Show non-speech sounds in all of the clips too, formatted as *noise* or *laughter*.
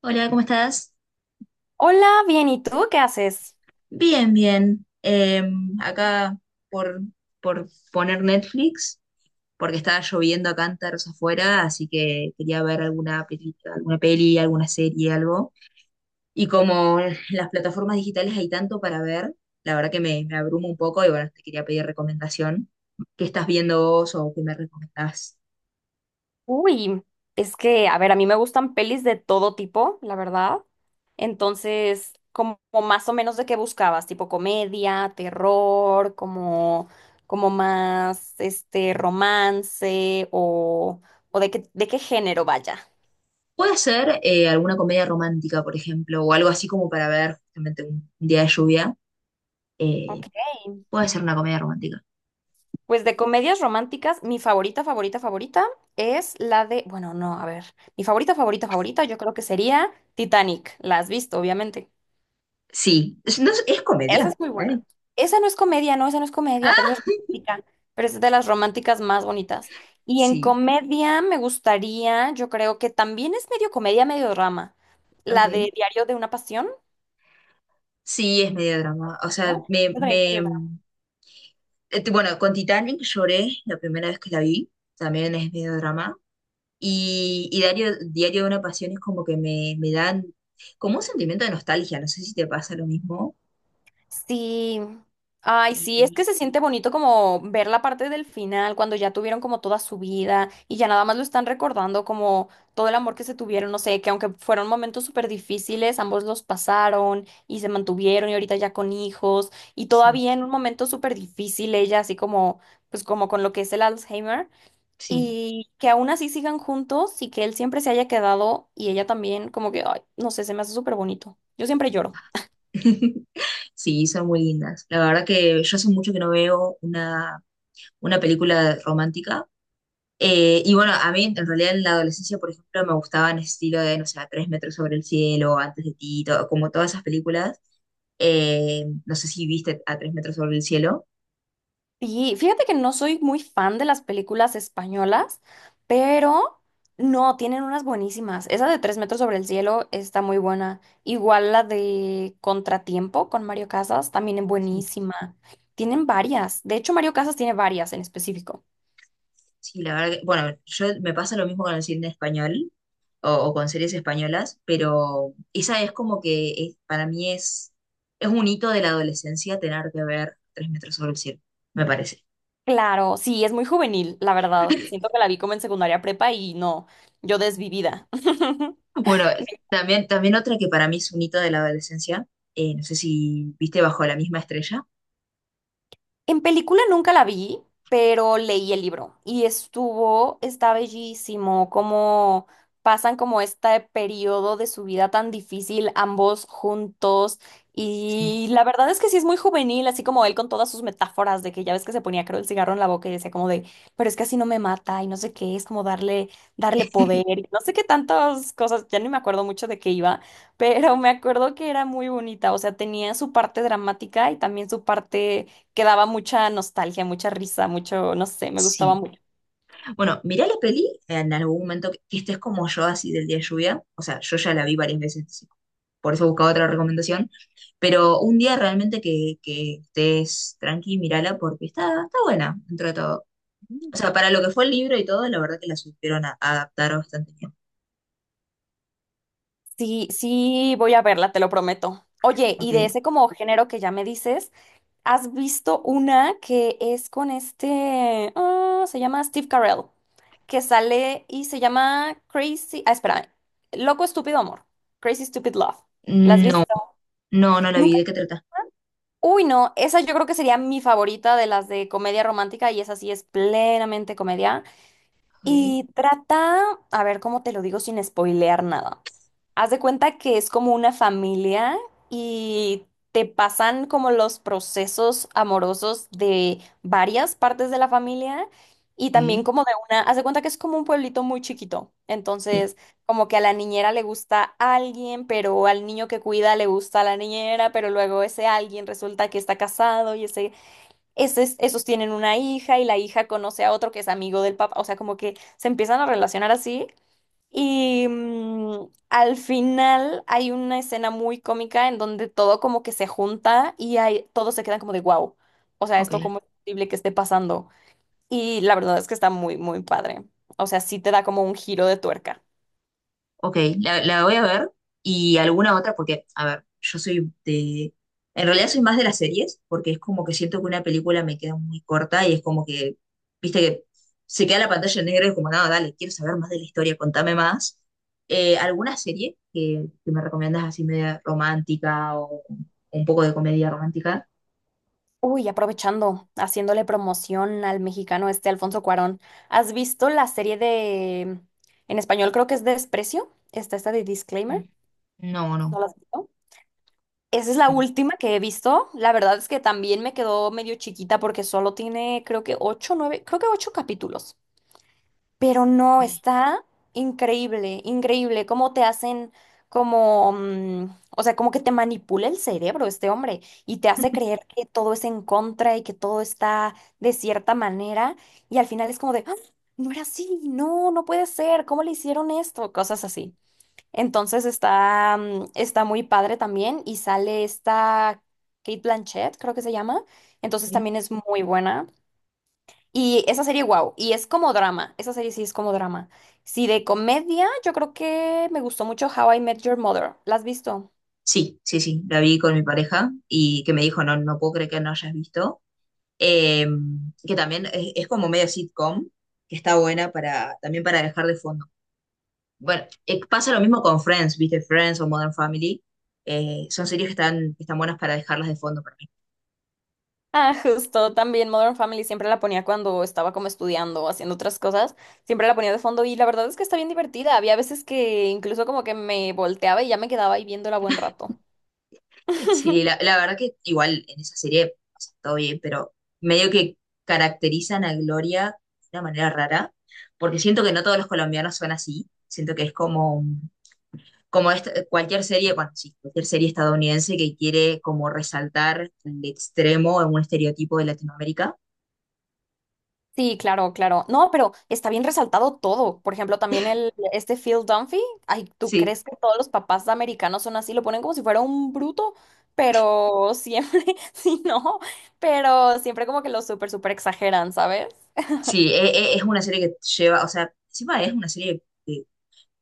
Hola, ¿cómo estás? Hola, bien, ¿y tú qué haces? Bien, bien. Acá por, por poner Netflix, porque estaba lloviendo a cántaros afuera, así que quería ver alguna película, alguna peli, alguna serie, algo. Y como en las plataformas digitales hay tanto para ver, la verdad que me abrumo un poco y bueno, te quería pedir recomendación. ¿Qué estás viendo vos o qué me recomendás? Uy, es que, a ver, a mí me gustan pelis de todo tipo, la verdad. Entonces, como más o menos de qué buscabas, tipo comedia, terror, como, más, romance o de qué género vaya. Puede ser alguna comedia romántica, por ejemplo, o algo así como para ver justamente un día de lluvia. Eh, Ok. puede ser una comedia romántica. Pues de comedias románticas, mi favorita, favorita, favorita es la de, bueno, no, a ver, mi favorita, favorita, favorita, yo creo que sería Titanic. La has visto, obviamente. Sí, es, no, es Esa comedia. es muy buena. Dani. Esa no es comedia, no, esa no es comedia, pero Ah, esa es romántica. Pero es de las románticas más bonitas. Y en sí, comedia me gustaría, yo creo que también es medio comedia, medio drama. La de ok. Diario de una Pasión, Sí, es medio drama. O sea, ¿no? Esa también es medio. Bueno, con Titanic lloré la primera vez que la vi. También es medio drama. Y Diario de una Pasión es como que me dan como un sentimiento de nostalgia. No sé si te pasa lo mismo. Sí, ay, sí, es Y- que se siente bonito como ver la parte del final, cuando ya tuvieron como toda su vida y ya nada más lo están recordando como todo el amor que se tuvieron, no sé, que aunque fueron momentos súper difíciles, ambos los pasaron y se mantuvieron y ahorita ya con hijos y sí, todavía en un momento súper difícil ella así como, pues como con lo que es el Alzheimer sí. y que aún así sigan juntos y que él siempre se haya quedado y ella también como que, ay, no sé, se me hace súper bonito. Yo siempre lloro. *laughs* Sí, son muy lindas. La verdad que yo hace mucho que no veo una película romántica. Y bueno, a mí en realidad en la adolescencia, por ejemplo, me gustaban ese estilo de, no sé, Tres metros sobre el cielo, Antes de ti, como todas esas películas. No sé si viste a Tres metros sobre el cielo. Y fíjate que no soy muy fan de las películas españolas, pero no, tienen unas buenísimas. Esa de Tres metros sobre el cielo está muy buena. Igual la de Contratiempo con Mario Casas también es Sí, buenísima. Tienen varias. De hecho, Mario Casas tiene varias en específico. sí, la verdad que, bueno, yo me pasa lo mismo con el cine español. O, o con series españolas, pero esa es como que para mí es un hito de la adolescencia tener que ver Tres metros sobre el cielo, me parece. Claro, sí, es muy juvenil, la verdad. Siento que la vi como en secundaria prepa y no, yo desvivida. *laughs* Bueno, también otra que para mí es un hito de la adolescencia, no sé si viste Bajo la misma estrella. En película nunca la vi, pero leí el libro y estuvo, está bellísimo, cómo pasan como este periodo de su vida tan difícil ambos juntos Sí. y la verdad es que sí es muy juvenil, así como él con todas sus metáforas de que ya ves que se ponía creo el cigarro en la boca y decía como de, pero es que así no me mata y no sé qué, es como darle poder y no sé qué tantas cosas, ya ni me acuerdo mucho de qué iba, pero me acuerdo que era muy bonita, o sea, tenía su parte dramática y también su parte que daba mucha nostalgia, mucha risa, mucho, no sé, me gustaba Sí. mucho. Bueno, mirá la peli en algún momento que estés como yo, así del día de lluvia. O sea, yo ya la vi varias veces, así, por eso buscaba otra recomendación. Pero un día realmente que estés tranqui, mírala porque está buena dentro de todo. O sea, para lo que fue el libro y todo, la verdad que la supieron adaptar bastante bien. Sí, sí, voy a verla, te lo prometo. Oye, Ok. y de ese como género que ya me dices, ¿has visto una que es con se llama Steve Carell, que sale y se llama Crazy, espérame, Loco Estúpido Amor, Crazy Stupid Love. ¿La has Mm, no, visto? no, no la vi. Nunca. ¿De qué trata? Uy, no, esa yo creo que sería mi favorita de las de comedia romántica y esa sí es plenamente comedia. Ok, Y trata, a ver cómo te lo digo sin spoilear nada. Haz de cuenta que es como una familia y te pasan como los procesos amorosos de varias partes de la familia y también ok. como de una, haz de cuenta que es como un pueblito muy chiquito. Sí. Entonces, como que a la niñera le gusta alguien, pero al niño que cuida le gusta a la niñera, pero luego ese alguien resulta que está casado y esos tienen una hija y la hija conoce a otro que es amigo del papá, o sea, como que se empiezan a relacionar así. Y al final hay una escena muy cómica en donde todo como que se junta y hay, todos se quedan como de wow, o sea, Ok, esto como es posible que esté pasando. Y la verdad es que está muy, muy padre. O sea, sí te da como un giro de tuerca. ok, la voy a ver y alguna otra porque, a ver, yo soy de... En realidad soy más de las series porque es como que siento que una película me queda muy corta y es como que, viste que se queda la pantalla en negro y es como, no, dale, quiero saber más de la historia, contame más. ¿Alguna serie que me recomiendas así media romántica o un poco de comedia romántica? Uy, aprovechando, haciéndole promoción al mexicano este Alfonso Cuarón. ¿Has visto la serie de, en español creo que es Desprecio? Está esta de Disclaimer. No, no, no. ¿No la has visto? Esa es la Ok, última que he visto. La verdad es que también me quedó medio chiquita porque solo tiene, creo que ocho, nueve, creo que ocho capítulos. Pero no, está increíble, increíble cómo te hacen como, o sea, como que te manipula el cerebro este hombre y te hace creer que todo es en contra y que todo está de cierta manera y al final es como de, "Ah, no era así, no, no puede ser, ¿cómo le hicieron esto? Cosas así. Entonces está muy padre también y sale esta Kate Blanchett, creo que se llama, entonces ok. también es muy buena. Y esa serie, wow, y es como drama, esa serie sí es como drama. Sí, de comedia, yo creo que me gustó mucho How I Met Your Mother. ¿La has visto? Sí, sí, sí, la vi con mi pareja y que me dijo, no, no puedo creer que no hayas visto. Eh, que también es como medio sitcom, que está buena para, también para dejar de fondo. Bueno, pasa lo mismo con Friends, ¿viste? Friends o Modern Family. Son series que están, buenas para dejarlas de fondo. Ah, justo, también Modern Family siempre la ponía cuando estaba como estudiando o haciendo otras cosas, siempre la ponía de fondo y la verdad es que está bien divertida. Había veces que incluso como que me volteaba y ya me quedaba ahí viéndola buen rato. Sí, *laughs* la verdad que igual en esa serie pasa todo bien, pero medio que caracterizan a Gloria de una manera rara, porque siento que no todos los colombianos son así, siento que es como, como cualquier serie, bueno, sí, cualquier serie estadounidense que quiere como resaltar el extremo en un estereotipo de Latinoamérica. Sí, claro, claro. No, pero está bien resaltado todo. Por ejemplo, también este Phil Dunphy. Ay, ¿tú Sí, crees que todos los papás americanos son así? Lo ponen como si fuera un bruto, pero siempre, *laughs* sí, no, pero siempre como que lo súper, súper exageran, ¿sabes? sí, es, una serie que lleva, o sea, encima es una serie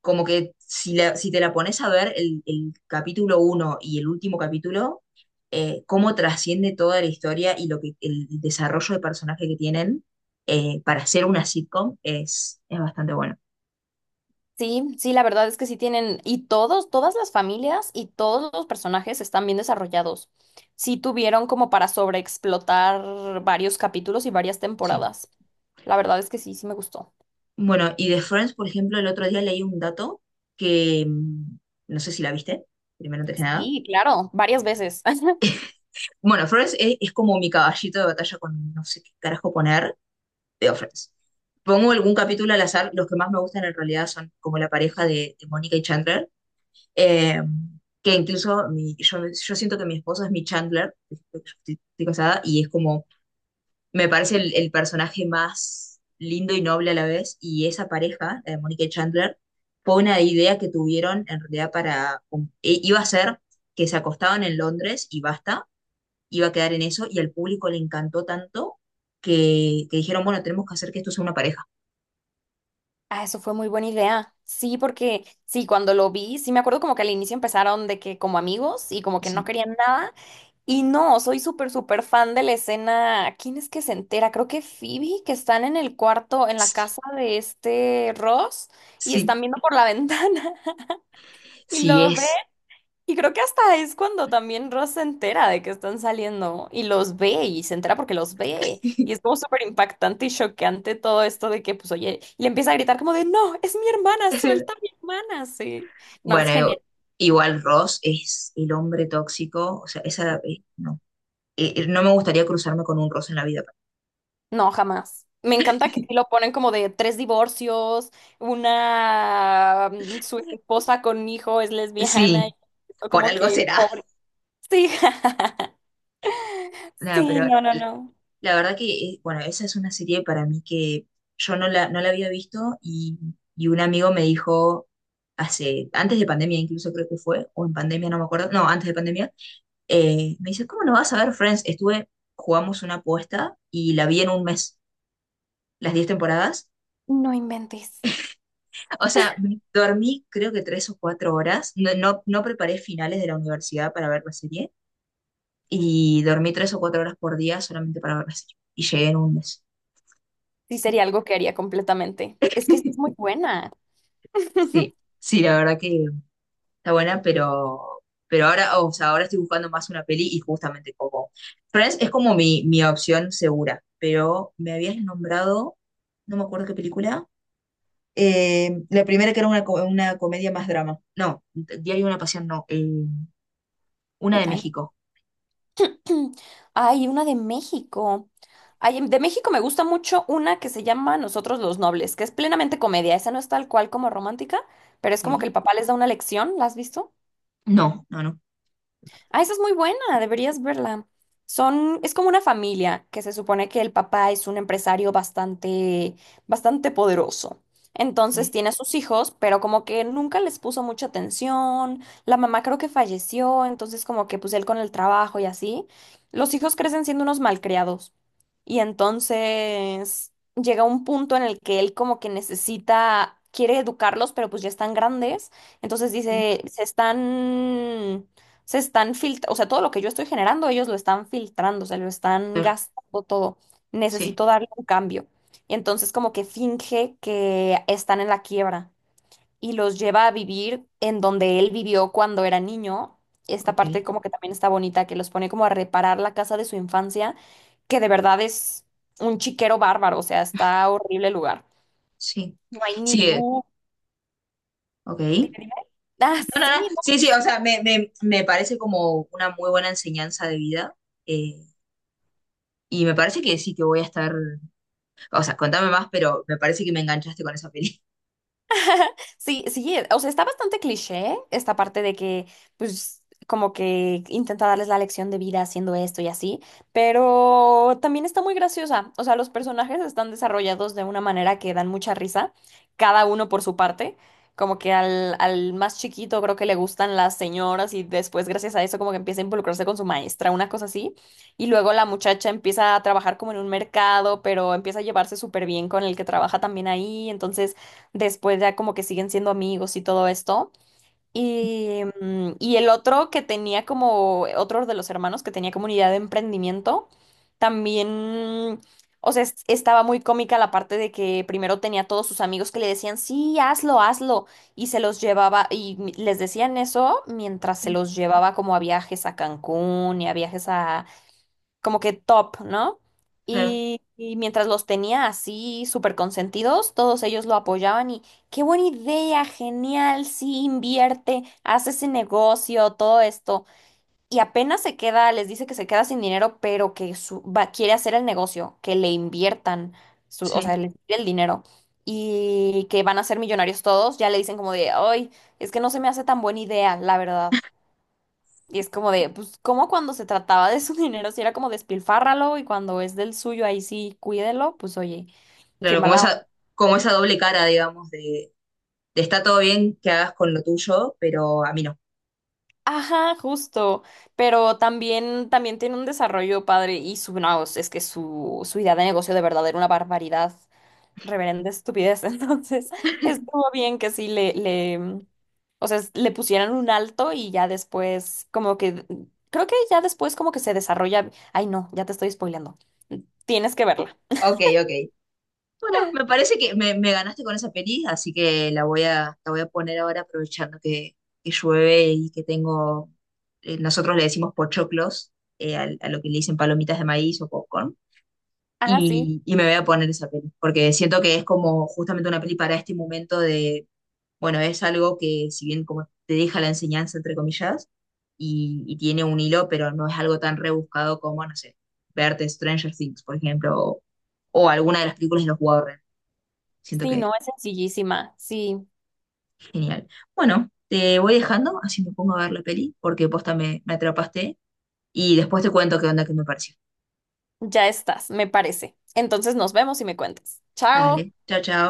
como que si, si te la pones a ver el capítulo uno y el último capítulo, cómo trasciende toda la historia y lo que, el desarrollo de personaje que tienen para hacer una sitcom es bastante bueno, Sí, sí, la verdad es que sí tienen, y todos, todas las familias y todos los personajes están bien desarrollados. Sí tuvieron como para sobreexplotar varios capítulos y varias sí. temporadas. La verdad es que sí, sí me gustó. Bueno, y de Friends, por ejemplo, el otro día leí un dato que no sé si la viste, primero antes que nada. Sí, claro, varias veces. *laughs* Bueno, Friends es como mi caballito de batalla con no sé qué carajo poner de Office. Pongo algún capítulo al azar, los que más me gustan en realidad son como la pareja de, Mónica y Chandler, eh, que incluso yo siento que mi esposo es mi Chandler, estoy casada, y es como, me parece el personaje más lindo y noble a la vez, y esa pareja, la de Mónica y Chandler, fue una idea que tuvieron en realidad para, iba a ser que se acostaban en Londres y basta, iba a quedar en eso, y al público le encantó tanto que dijeron, bueno, tenemos que hacer que esto sea una pareja. Ah, eso fue muy buena idea. Sí, porque sí, cuando lo vi, sí me acuerdo como que al inicio empezaron de que como amigos y como que no Sí, querían nada. Y no, soy súper, súper fan de la escena. ¿Quién es que se entera? Creo que Phoebe, que están en el cuarto, en la sí, casa de este Ross y sí están viendo por la *laughs* ventana y sí lo ven es. y creo que hasta es cuando también Ross se entera de que están saliendo y los ve y se entera porque los ve. Y es *laughs* como súper impactante y choqueante todo esto de que, pues, oye, y le empieza a gritar como de, no, es mi hermana, Es el- suelta a mi hermana, sí. No, es Bueno, genial. igual Ross es el hombre tóxico, o sea, esa, no. No me gustaría cruzarme con un Ross en la vida. No, jamás. Me encanta que sí lo ponen como de tres divorcios, una, su esposa con hijo es lesbiana, Sí, y por como algo que será. pobre. Sí, *laughs* Nada, sí, pero no, no, no. la verdad que, bueno, esa es una serie para mí que yo no la había visto y un amigo me dijo hace, antes de pandemia incluso creo que fue, o en pandemia, no me acuerdo, no, antes de pandemia. Me dice, ¿cómo no vas a ver Friends? Estuve, jugamos una apuesta y la vi en un mes, las 10 temporadas. No inventes. O sea, dormí creo que 3 o 4 horas. No, no, no preparé finales de la universidad para ver la serie y dormí 3 o 4 horas por día solamente para ver la serie. Y llegué en un mes. Sí, sería algo que haría completamente. Es que sí es muy *laughs* buena. Sí, *laughs* sí, la verdad que está buena, pero, ahora, o sea, ahora estoy buscando más una peli y justamente como Friends es como mi opción segura, pero me habías nombrado, no me acuerdo qué película. La primera que era una comedia más drama. No, Diario de una Pasión no. Una Y de Dani. México. *clears throat* Hay una de México. Ay, de México me gusta mucho una que se llama Nosotros los Nobles, que es plenamente comedia. Esa no es tal cual como romántica, pero es como que Ok. el papá les da una lección. ¿La has visto? No, no, no. Ah, esa es muy buena, deberías verla. Es como una familia que se supone que el papá es un empresario bastante, bastante poderoso. Ok, Entonces tiene a sus hijos, pero como que nunca les puso mucha atención. La mamá creo que falleció, entonces como que pues él con el trabajo y así. Los hijos crecen siendo unos malcriados. Y entonces llega un punto en el que él como que necesita, quiere educarlos, pero pues ya están grandes. Entonces ok, dice, se están filtrando, o sea, todo lo que yo estoy generando, ellos lo están filtrando, se lo están claro, gastando todo. sí, Necesito darle un cambio. Y entonces como que finge que están en la quiebra y los lleva a vivir en donde él vivió cuando era niño. Esta ok, parte como que también está bonita, que los pone como a reparar la casa de su infancia, que de verdad es un chiquero bárbaro, o sea, está horrible el lugar. sí. No hay Sí, ni luz. ok. Dime, dime. Ah, No, sí, no, no. no. Sí, sí, o sea, me parece como una muy buena enseñanza de vida. eh, y me parece que sí que voy a estar. O sea, contame más, pero me parece que me enganchaste con esa peli. Sí, sí, o sea, está bastante cliché esta parte de que, pues, como que intenta darles la lección de vida haciendo esto y así, pero también está muy graciosa. O sea, los personajes están desarrollados de una manera que dan mucha risa, cada uno por su parte. Como que al más chiquito creo que le gustan las señoras y después gracias a eso como que empieza a involucrarse con su maestra, una cosa así. Y luego la muchacha empieza a trabajar como en un mercado, pero empieza a llevarse súper bien con el que trabaja también ahí. Entonces. Después ya como que siguen siendo amigos y todo esto. Y el otro que tenía como, otro de los hermanos que tenía como una idea de emprendimiento, también, o sea, estaba muy cómica la parte de que primero tenía todos sus amigos que le decían, sí, hazlo, hazlo. Y se los llevaba, y les decían eso mientras se Sí, los llevaba como a viajes a Cancún y a viajes como que top, ¿no? claro, Y mientras los tenía así súper consentidos, todos ellos lo apoyaban y qué buena idea, genial, sí, invierte, hace ese negocio, todo esto. Y apenas se queda, les dice que se queda sin dinero, pero que va, quiere hacer el negocio, que le inviertan, o sea, sí. le tire el dinero. Y que van a ser millonarios todos, ya le dicen como de, ay, es que no se me hace tan buena idea, la verdad. Y es como de, pues, como cuando se trataba de su *laughs* dinero, si era como despilfárralo y cuando es del suyo, ahí sí, cuídelo, pues oye, qué Claro, mala onda. Como esa doble cara, digamos, de está todo bien que hagas con lo tuyo, pero a mí no. Ajá, justo. Pero también tiene un desarrollo padre y no, es que su idea de negocio de verdad era una barbaridad, reverenda estupidez. *laughs* Entonces, estuvo bien que sí o sea, le pusieran un alto y ya después, como que, creo que ya después como que se desarrolla. Ay, no, ya te estoy spoileando. Tienes que verla. Ok, ok. Bueno, me parece que me ganaste con esa peli, así que la voy a poner ahora aprovechando que llueve y que tengo, nosotros le decimos pochoclos, lo que le dicen palomitas de maíz o popcorn, Ah, sí. Y me voy a poner esa peli, porque siento que es como justamente una peli para este momento. Bueno, es algo que si bien como te deja la enseñanza, entre comillas, y tiene un hilo, pero no es algo tan rebuscado como, no sé, verte Stranger Things, por ejemplo, o alguna de las películas de los Warren. Siento Sí, que no, es sencillísima. Sí, genial. Bueno, te voy dejando, así me pongo a ver la peli, porque posta me atrapaste, y después te cuento qué onda que me pareció. ya estás, me parece. Entonces nos vemos y me cuentas. Chao. Dale, chao, chao.